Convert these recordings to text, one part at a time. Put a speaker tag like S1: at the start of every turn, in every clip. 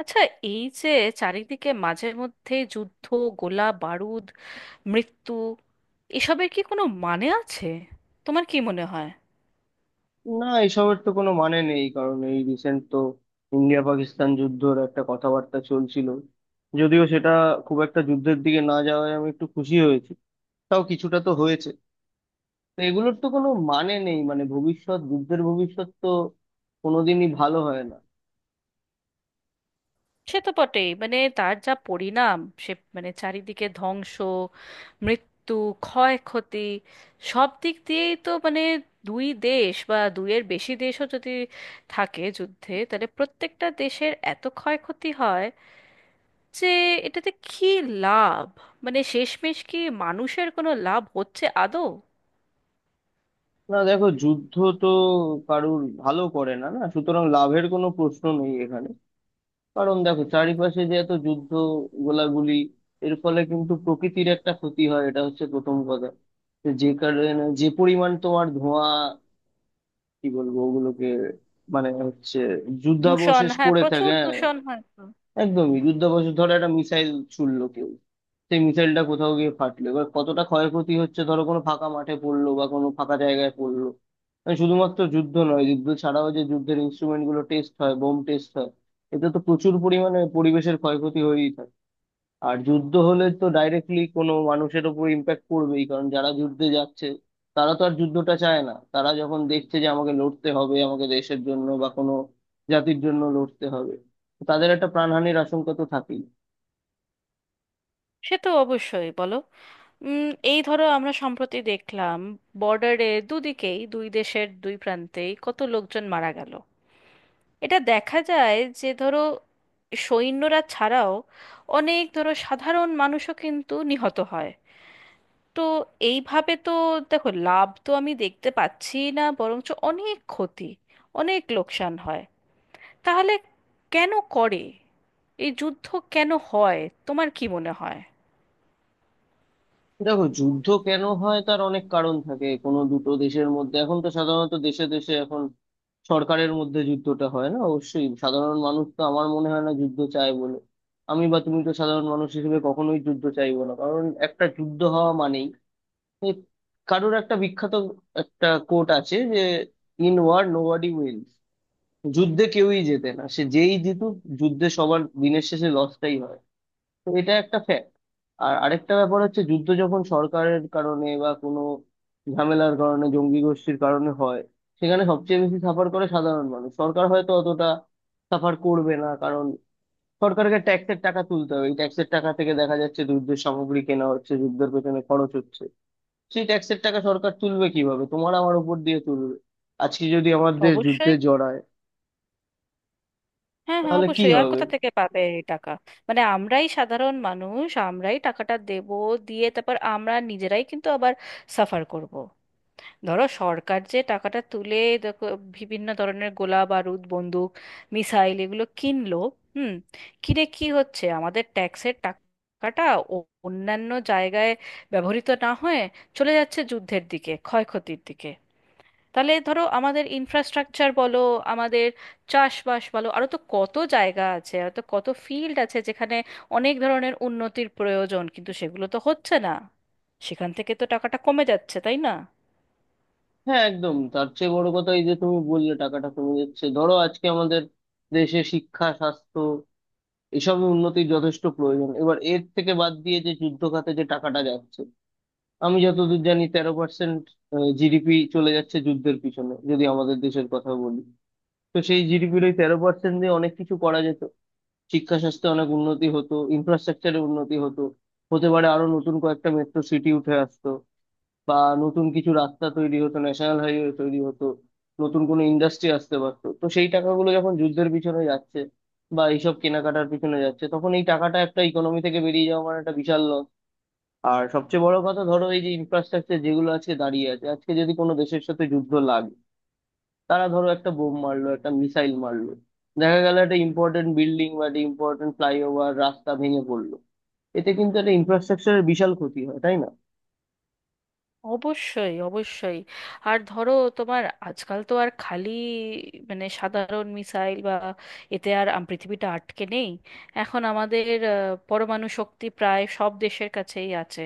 S1: আচ্ছা, এই যে চারিদিকে মাঝে মধ্যে যুদ্ধ, গোলা বারুদ, মৃত্যু, এসবের কি কোনো মানে আছে? তোমার কি মনে হয়?
S2: না, এসবের তো কোনো মানে নেই। কারণ এই রিসেন্ট তো ইন্ডিয়া পাকিস্তান যুদ্ধর একটা কথাবার্তা চলছিল। যদিও সেটা খুব একটা যুদ্ধের দিকে না যাওয়ায় আমি একটু খুশি হয়েছি, তাও কিছুটা তো হয়েছে। তো এগুলোর তো কোনো মানে নেই, মানে ভবিষ্যৎ যুদ্ধের ভবিষ্যৎ তো কোনোদিনই ভালো হয় না।
S1: সে তো বটেই, মানে তার যা পরিণাম, সে মানে চারিদিকে ধ্বংস, মৃত্যু, ক্ষয়ক্ষতি, সব দিক দিয়েই তো মানে দুই দেশ বা দুইয়ের বেশি দেশও যদি থাকে যুদ্ধে, তাহলে প্রত্যেকটা দেশের এত ক্ষয়ক্ষতি হয় যে এটাতে কি লাভ? মানে শেষমেশ কি মানুষের কোনো লাভ হচ্ছে আদৌ?
S2: না, দেখো, যুদ্ধ তো কারুর ভালো করে না, না, সুতরাং লাভের কোনো প্রশ্ন নেই এখানে। কারণ দেখো চারিপাশে যে এত যুদ্ধ, গোলাগুলি, এর ফলে কিন্তু প্রকৃতির একটা ক্ষতি হয়, এটা হচ্ছে প্রথম কথা। তো যে কারণে যে পরিমাণ তোমার ধোঁয়া, কি বলবো ওগুলোকে, মানে হচ্ছে
S1: দূষণ,
S2: যুদ্ধাবশেষ
S1: হ্যাঁ
S2: পড়ে
S1: প্রচুর
S2: থাকে, হ্যাঁ।
S1: দূষণ হয় তো।
S2: একদমই যুদ্ধাভ্যাস। ধরো একটা মিসাইল ছুড়লো কেউ, সেই মিসাইলটা কোথাও গিয়ে ফাটলো। এবার কতটা ক্ষয়ক্ষতি হচ্ছে, ধরো কোনো ফাঁকা মাঠে পড়লো বা কোনো ফাঁকা জায়গায় পড়লো। মানে শুধুমাত্র যুদ্ধ নয়, যুদ্ধ ছাড়াও যে যুদ্ধের ইনস্ট্রুমেন্ট গুলো টেস্ট হয়, বোম টেস্ট হয়, এতে তো প্রচুর পরিমাণে পরিবেশের ক্ষয়ক্ষতি হয়েই থাকে। আর যুদ্ধ হলে তো ডাইরেক্টলি কোনো মানুষের উপর ইম্প্যাক্ট পড়বেই, কারণ যারা যুদ্ধে যাচ্ছে, তারা তো আর যুদ্ধটা চায় না। তারা যখন দেখছে যে আমাকে লড়তে হবে, আমাকে দেশের জন্য বা কোনো জাতির জন্য লড়তে হবে, তো তাদের একটা প্রাণহানির আশঙ্কা তো থাকেই।
S1: সে তো অবশ্যই, বলো। উম, এই ধরো আমরা সম্প্রতি দেখলাম বর্ডারে দুদিকেই, দুই দেশের দুই প্রান্তেই কত লোকজন মারা গেল। এটা দেখা যায় যে ধরো সৈন্যরা ছাড়াও অনেক ধরো সাধারণ মানুষও কিন্তু নিহত হয়। তো এইভাবে তো দেখো, লাভ তো আমি দেখতে পাচ্ছি না, বরঞ্চ অনেক ক্ষতি, অনেক লোকসান হয়। তাহলে কেন করে এই যুদ্ধ? কেন হয়? তোমার কি মনে হয়?
S2: দেখো যুদ্ধ কেন হয় তার অনেক কারণ থাকে কোনো দুটো দেশের মধ্যে। এখন তো সাধারণত দেশে দেশে, এখন সরকারের মধ্যে যুদ্ধটা হয় না, অবশ্যই সাধারণ মানুষ তো আমার মনে হয় না যুদ্ধ চায় বলে। আমি বা তুমি তো সাধারণ মানুষ হিসেবে কখনোই যুদ্ধ চাইবো না। কারণ একটা যুদ্ধ হওয়া মানেই এ, কারুর একটা বিখ্যাত একটা কোট আছে যে, ইন ওয়ার নোবডি উইন্স, যুদ্ধে কেউই জেতে না, সে যেই জিতুক। যুদ্ধে সবার দিনের শেষে লসটাই হয়, তো এটা একটা ফ্যাক্ট। আর আরেকটা ব্যাপার হচ্ছে যুদ্ধ যখন সরকারের কারণে বা কোনো ঝামেলার কারণে, জঙ্গি গোষ্ঠীর কারণে হয়, সেখানে সবচেয়ে বেশি সাফার করে সাধারণ মানুষ। সরকার হয়তো অতটা সাফার করবে না, কারণ সরকারকে ট্যাক্সের টাকা তুলতে হবে। এই ট্যাক্সের টাকা থেকে দেখা যাচ্ছে যুদ্ধের সামগ্রী কেনা হচ্ছে, যুদ্ধের পেছনে খরচ হচ্ছে। সেই ট্যাক্সের টাকা সরকার তুলবে কিভাবে, তোমার আমার উপর দিয়ে তুলবে। আজকে যদি আমাদের যুদ্ধে
S1: অবশ্যই।
S2: জড়ায়
S1: হ্যাঁ হ্যাঁ,
S2: তাহলে কি
S1: অবশ্যই, আর
S2: হবে?
S1: কোথা থেকে পাবে এই টাকা? মানে আমরাই সাধারণ মানুষ, আমরাই টাকাটা দেব, দিয়ে তারপর আমরা নিজেরাই কিন্তু আবার সাফার করব। ধরো সরকার যে টাকাটা তুলে দেখো বিভিন্ন ধরনের গোলা বারুদ, বন্দুক, মিসাইল এগুলো কিনলো। হুম, কিনে কি হচ্ছে আমাদের ট্যাক্সের টাকাটা ও- অন্যান্য জায়গায় ব্যবহৃত না হয়ে চলে যাচ্ছে যুদ্ধের দিকে, ক্ষয়ক্ষতির দিকে। তাহলে ধরো আমাদের ইনফ্রাস্ট্রাকচার বলো, আমাদের চাষবাস বলো, আরও তো কত জায়গা আছে, আর তো কত ফিল্ড আছে যেখানে অনেক ধরনের উন্নতির প্রয়োজন, কিন্তু সেগুলো তো হচ্ছে না। সেখান থেকে তো টাকাটা কমে যাচ্ছে, তাই না?
S2: হ্যাঁ একদম। তার চেয়ে বড় কথা এই যে তুমি বললে টাকাটা কমে যাচ্ছে, ধরো আজকে আমাদের দেশে শিক্ষা, স্বাস্থ্য, এসব উন্নতির যথেষ্ট প্রয়োজন। এবার এর থেকে বাদ দিয়ে যে যুদ্ধ খাতে যে টাকাটা যাচ্ছে, আমি যতদূর জানি 13% জিডিপি চলে যাচ্ছে যুদ্ধের পিছনে, যদি আমাদের দেশের কথা বলি। তো সেই জিডিপির ওই 13% দিয়ে অনেক কিছু করা যেত। শিক্ষা স্বাস্থ্যে অনেক উন্নতি হতো, ইনফ্রাস্ট্রাকচারে উন্নতি হতো। হতে পারে আরো নতুন কয়েকটা মেট্রো সিটি উঠে আসতো, বা নতুন কিছু রাস্তা তৈরি হতো, ন্যাশনাল হাইওয়ে তৈরি হতো, নতুন কোনো ইন্ডাস্ট্রি আসতে পারতো। তো সেই টাকাগুলো যখন যুদ্ধের পিছনে যাচ্ছে বা এইসব কেনাকাটার পিছনে যাচ্ছে, তখন এই টাকাটা একটা ইকোনমি থেকে বেরিয়ে যাওয়া মানে একটা বিশাল লস। আর সবচেয়ে বড় কথা, ধরো এই যে ইনফ্রাস্ট্রাকচার যেগুলো আজকে দাঁড়িয়ে আছে, আজকে যদি কোনো দেশের সাথে যুদ্ধ লাগে, তারা ধরো একটা বোম মারলো, একটা মিসাইল মারলো, দেখা গেল একটা ইম্পর্টেন্ট বিল্ডিং বা একটা ইম্পর্টেন্ট ফ্লাইওভার রাস্তা ভেঙে পড়লো, এতে কিন্তু একটা ইনফ্রাস্ট্রাকচারের বিশাল ক্ষতি হয়, তাই না?
S1: অবশ্যই, অবশ্যই। আর ধরো তোমার আজকাল তো আর খালি মানে সাধারণ মিসাইল বা এতে আর পৃথিবীটা আটকে নেই। এখন আমাদের আহ, পরমাণু শক্তি প্রায় সব দেশের কাছেই আছে।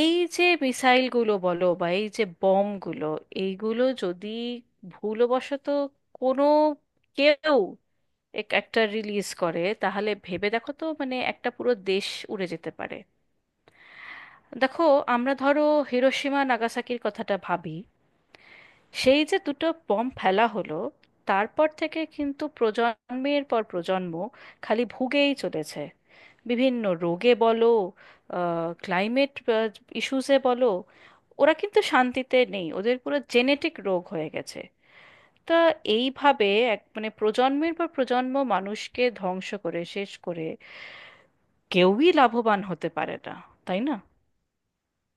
S1: এই যে মিসাইলগুলো বলো বা এই যে বমগুলো, এইগুলো যদি ভুলবশত কোনো কেউ একটা রিলিজ করে, তাহলে ভেবে দেখো তো মানে একটা পুরো দেশ উড়ে যেতে পারে। দেখো, আমরা ধরো হিরোশিমা নাগাসাকির কথাটা ভাবি, সেই যে 2টো বম্ব ফেলা হলো, তারপর থেকে কিন্তু প্রজন্মের পর প্রজন্ম খালি ভুগেই চলেছে। বিভিন্ন রোগে বলো, ক্লাইমেট ইস্যুসে বলো, ওরা কিন্তু শান্তিতে নেই, ওদের পুরো জেনেটিক রোগ হয়ে গেছে। তা এইভাবে এক মানে প্রজন্মের পর প্রজন্ম মানুষকে ধ্বংস করে শেষ করে কেউই লাভবান হতে পারে না, তাই না?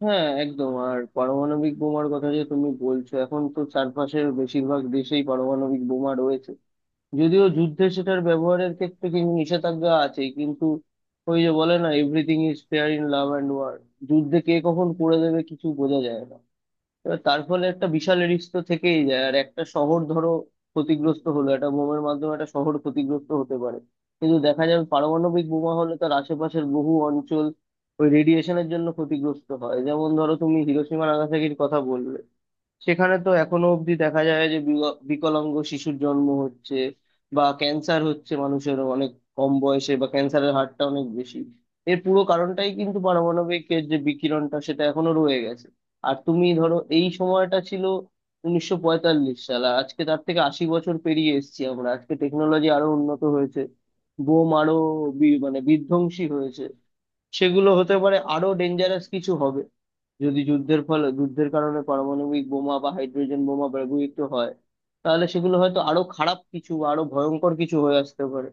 S2: হ্যাঁ একদম। আর পারমাণবিক বোমার কথা যে তুমি বলছো, এখন তো চারপাশের বেশিরভাগ দেশেই পারমাণবিক বোমা রয়েছে। যদিও যুদ্ধে সেটার ব্যবহারের ক্ষেত্রে কিন্তু নিষেধাজ্ঞা আছে, কিন্তু ওই যে বলে না, everything is fair in love and war. যুদ্ধে কে কখন করে দেবে কিছু বোঝা যায় না। এবার তার ফলে একটা বিশাল রিস্ক তো থেকেই যায়। আর একটা শহর ধরো ক্ষতিগ্রস্ত হলো একটা বোমার মাধ্যমে, একটা শহর ক্ষতিগ্রস্ত হতে পারে, কিন্তু দেখা যাবে পারমাণবিক বোমা হলে তার আশেপাশের বহু অঞ্চল ওই রেডিয়েশনের জন্য ক্ষতিগ্রস্ত হয়। যেমন ধরো তুমি হিরোশিমা নাগাসাকির কথা বললে, সেখানে তো এখনো অবধি দেখা যায় যে বিকলাঙ্গ শিশুর জন্ম হচ্ছে, বা ক্যান্সার হচ্ছে মানুষের অনেক কম বয়সে, বা ক্যান্সারের হারটা অনেক বেশি। এর পুরো কারণটাই কিন্তু পারমাণবিক এর যে বিকিরণটা, সেটা এখনো রয়ে গেছে। আর তুমি ধরো এই সময়টা ছিল 1945 সাল, আর আজকে তার থেকে 80 বছর পেরিয়ে এসেছি আমরা। আজকে টেকনোলজি আরো উন্নত হয়েছে, বোম আরো মানে বিধ্বংসী হয়েছে, সেগুলো হতে পারে আরো ডেঞ্জারাস কিছু হবে। যদি যুদ্ধের ফলে, যুদ্ধের কারণে পারমাণবিক বোমা বা হাইড্রোজেন বোমা ব্যবহৃত হয়, তাহলে সেগুলো হয়তো আরো খারাপ কিছু বা আরো ভয়ঙ্কর কিছু হয়ে আসতে পারে।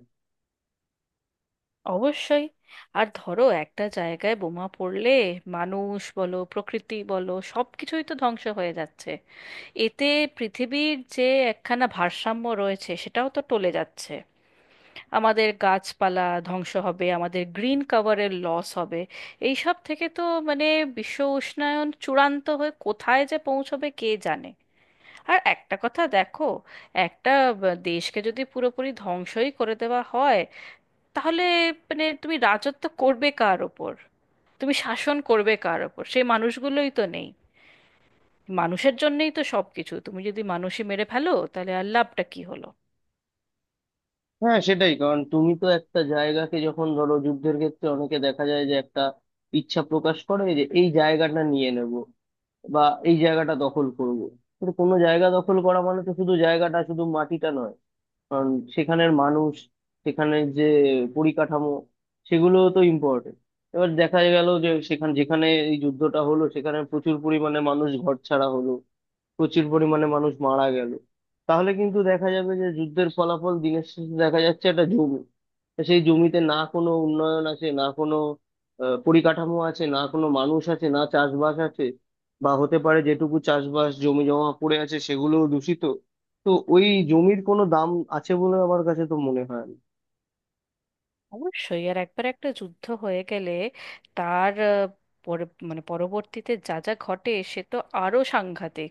S1: অবশ্যই। আর ধরো একটা জায়গায় বোমা পড়লে মানুষ বলো, প্রকৃতি বলো, সব কিছুই তো ধ্বংস হয়ে যাচ্ছে। এতে পৃথিবীর যে একখানা ভারসাম্য রয়েছে সেটাও তো টলে যাচ্ছে। আমাদের গাছপালা ধ্বংস হবে, আমাদের গ্রিন কভারের লস হবে। এই সব থেকে তো মানে বিশ্ব উষ্ণায়ন চূড়ান্ত হয়ে কোথায় যে পৌঁছবে কে জানে। আর একটা কথা দেখো, একটা দেশকে যদি পুরোপুরি ধ্বংসই করে দেওয়া হয়, তাহলে মানে তুমি রাজত্ব করবে কার ওপর? তুমি শাসন করবে কার ওপর? সেই মানুষগুলোই তো নেই। মানুষের জন্যই তো সব কিছু, তুমি যদি মানুষই মেরে ফেলো তাহলে আর লাভটা কি হলো?
S2: হ্যাঁ সেটাই। কারণ তুমি তো একটা জায়গাকে যখন ধরো, যুদ্ধের ক্ষেত্রে অনেকে দেখা যায় যে একটা ইচ্ছা প্রকাশ করে যে এই জায়গাটা নিয়ে নেব বা এই জায়গাটা দখল করব। কিন্তু কোনো জায়গা দখল করা মানে তো শুধু জায়গাটা, শুধু মাটিটা নয়, কারণ সেখানের মানুষ, সেখানের যে পরিকাঠামো, সেগুলো তো ইম্পর্টেন্ট। এবার দেখা গেল যে সেখানে যেখানে এই যুদ্ধটা হলো, সেখানে প্রচুর পরিমাণে মানুষ ঘরছাড়া হলো, প্রচুর পরিমাণে মানুষ মারা গেল। তাহলে কিন্তু দেখা যাবে যে যুদ্ধের ফলাফল দিনের শেষে দেখা যাচ্ছে একটা জমি। তা সেই জমিতে না কোনো উন্নয়ন আছে, না কোনো পরিকাঠামো আছে, না কোনো মানুষ আছে, না চাষবাস আছে। বা হতে পারে যেটুকু চাষবাস জমি জমা পড়ে আছে, সেগুলোও দূষিত। তো ওই জমির কোনো দাম আছে বলে আমার কাছে তো মনে হয় না।
S1: অবশ্যই। আর একবার একটা যুদ্ধ হয়ে গেলে তার মানে পরবর্তীতে যা যা ঘটে সে তো আরো সাংঘাতিক।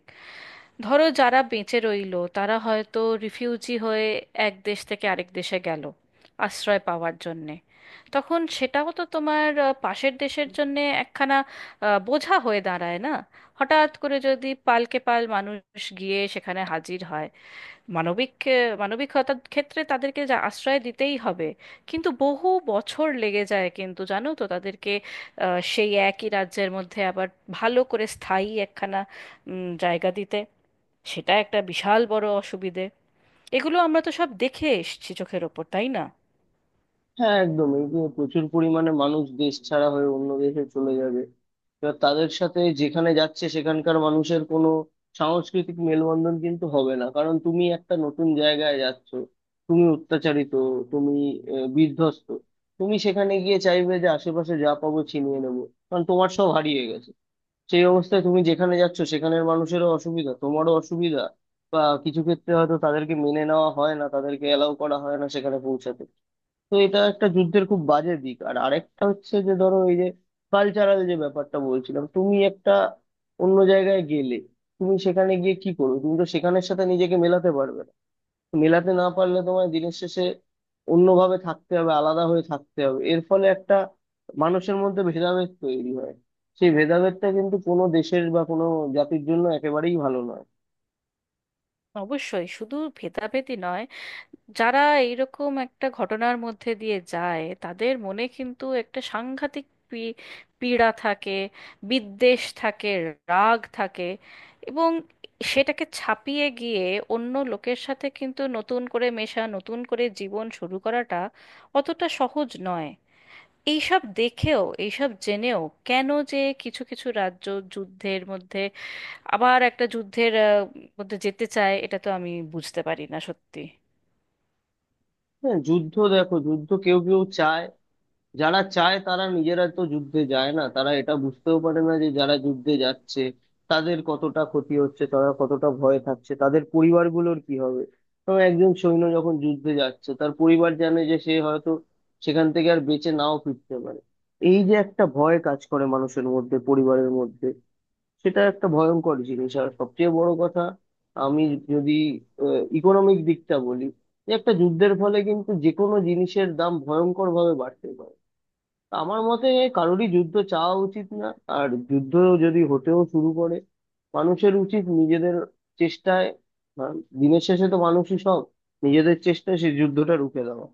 S1: ধরো যারা বেঁচে রইলো তারা হয়তো রিফিউজি হয়ে এক দেশ থেকে আরেক দেশে গেল আশ্রয় পাওয়ার জন্যে। তখন সেটাও তো তোমার পাশের দেশের জন্যে একখানা বোঝা হয়ে দাঁড়ায় না? হঠাৎ করে যদি পালকে পাল মানুষ গিয়ে সেখানে হাজির হয় মানবিক মানবিকতার ক্ষেত্রে তাদেরকে যা আশ্রয় দিতেই হবে, কিন্তু বহু বছর লেগে যায় কিন্তু জানো তো তাদেরকে সেই একই রাজ্যের মধ্যে আবার ভালো করে স্থায়ী একখানা জায়গা দিতে। সেটা একটা বিশাল বড় অসুবিধে। এগুলো আমরা তো সব দেখে এসেছি চোখের ওপর, তাই না?
S2: হ্যাঁ একদম। এই যে প্রচুর পরিমাণে মানুষ দেশ ছাড়া হয়ে অন্য দেশে চলে যাবে, এবার তাদের সাথে যেখানে যাচ্ছে সেখানকার মানুষের কোনো সাংস্কৃতিক মেলবন্ধন কিন্তু হবে না, কারণ তুমি একটা নতুন জায়গায় যাচ্ছ। তুমি অত্যাচারিত, তুমি বিধ্বস্ত, তুমি সেখানে গিয়ে চাইবে যে আশেপাশে যা পাবো ছিনিয়ে নেবো, কারণ তোমার সব হারিয়ে গেছে। সেই অবস্থায় তুমি যেখানে যাচ্ছ সেখানের মানুষেরও অসুবিধা, তোমারও অসুবিধা। বা কিছু ক্ষেত্রে হয়তো তাদেরকে মেনে নেওয়া হয় না, তাদেরকে অ্যালাউ করা হয় না সেখানে পৌঁছাতে। তো এটা একটা যুদ্ধের খুব বাজে দিক। আর আরেকটা হচ্ছে যে ধরো এই যে কালচারাল যে ব্যাপারটা বলছিলাম, তুমি একটা অন্য জায়গায় গেলে তুমি সেখানে গিয়ে কি করবে, তুমি তো সেখানের সাথে নিজেকে মেলাতে পারবে না। মেলাতে না পারলে তোমায় দিনের শেষে অন্যভাবে থাকতে হবে, আলাদা হয়ে থাকতে হবে। এর ফলে একটা মানুষের মধ্যে ভেদাভেদ তৈরি হয়, সেই ভেদাভেদটা কিন্তু কোনো দেশের বা কোনো জাতির জন্য একেবারেই ভালো নয়।
S1: অবশ্যই, শুধু ভেদাভেদি নয়, যারা এইরকম একটা ঘটনার মধ্যে দিয়ে যায় তাদের মনে কিন্তু একটা সাংঘাতিক পী- পীড়া থাকে, বিদ্বেষ থাকে, রাগ থাকে, এবং সেটাকে ছাপিয়ে গিয়ে অন্য লোকের সাথে কিন্তু নতুন করে মেশা, নতুন করে জীবন শুরু করাটা অতটা সহজ নয়। এইসব দেখেও, এইসব জেনেও কেন যে কিছু কিছু রাজ্য যুদ্ধের মধ্যে আবার একটা যুদ্ধের মধ্যে যেতে চায় এটা তো আমি বুঝতে পারি না সত্যি।
S2: হ্যাঁ, যুদ্ধ দেখো যুদ্ধ কেউ কেউ চায়, যারা চায় তারা নিজেরা তো যুদ্ধে যায় না। তারা এটা বুঝতেও পারে না যে যারা যুদ্ধে যাচ্ছে তাদের কতটা ক্ষতি হচ্ছে, তারা কতটা ভয়ে থাকছে, তাদের পরিবারগুলোর কি হবে। তো একজন সৈন্য যখন যুদ্ধে যাচ্ছে তার পরিবার জানে যে সে হয়তো সেখান থেকে আর বেঁচে নাও ফিরতে পারে। এই যে একটা ভয় কাজ করে মানুষের মধ্যে, পরিবারের মধ্যে, সেটা একটা ভয়ঙ্কর জিনিস। আর সবচেয়ে বড় কথা আমি যদি ইকোনমিক দিকটা বলি, যে একটা যুদ্ধের ফলে কিন্তু যে কোনো জিনিসের দাম ভয়ঙ্কর ভাবে বাড়তে পারে। আমার মতে কারোরই যুদ্ধ চাওয়া উচিত না। আর যুদ্ধ যদি হতেও শুরু করে, মানুষের উচিত নিজেদের চেষ্টায়, আহ, দিনের শেষে তো মানুষই সব, নিজেদের চেষ্টায় সেই যুদ্ধটা রুখে দেওয়া।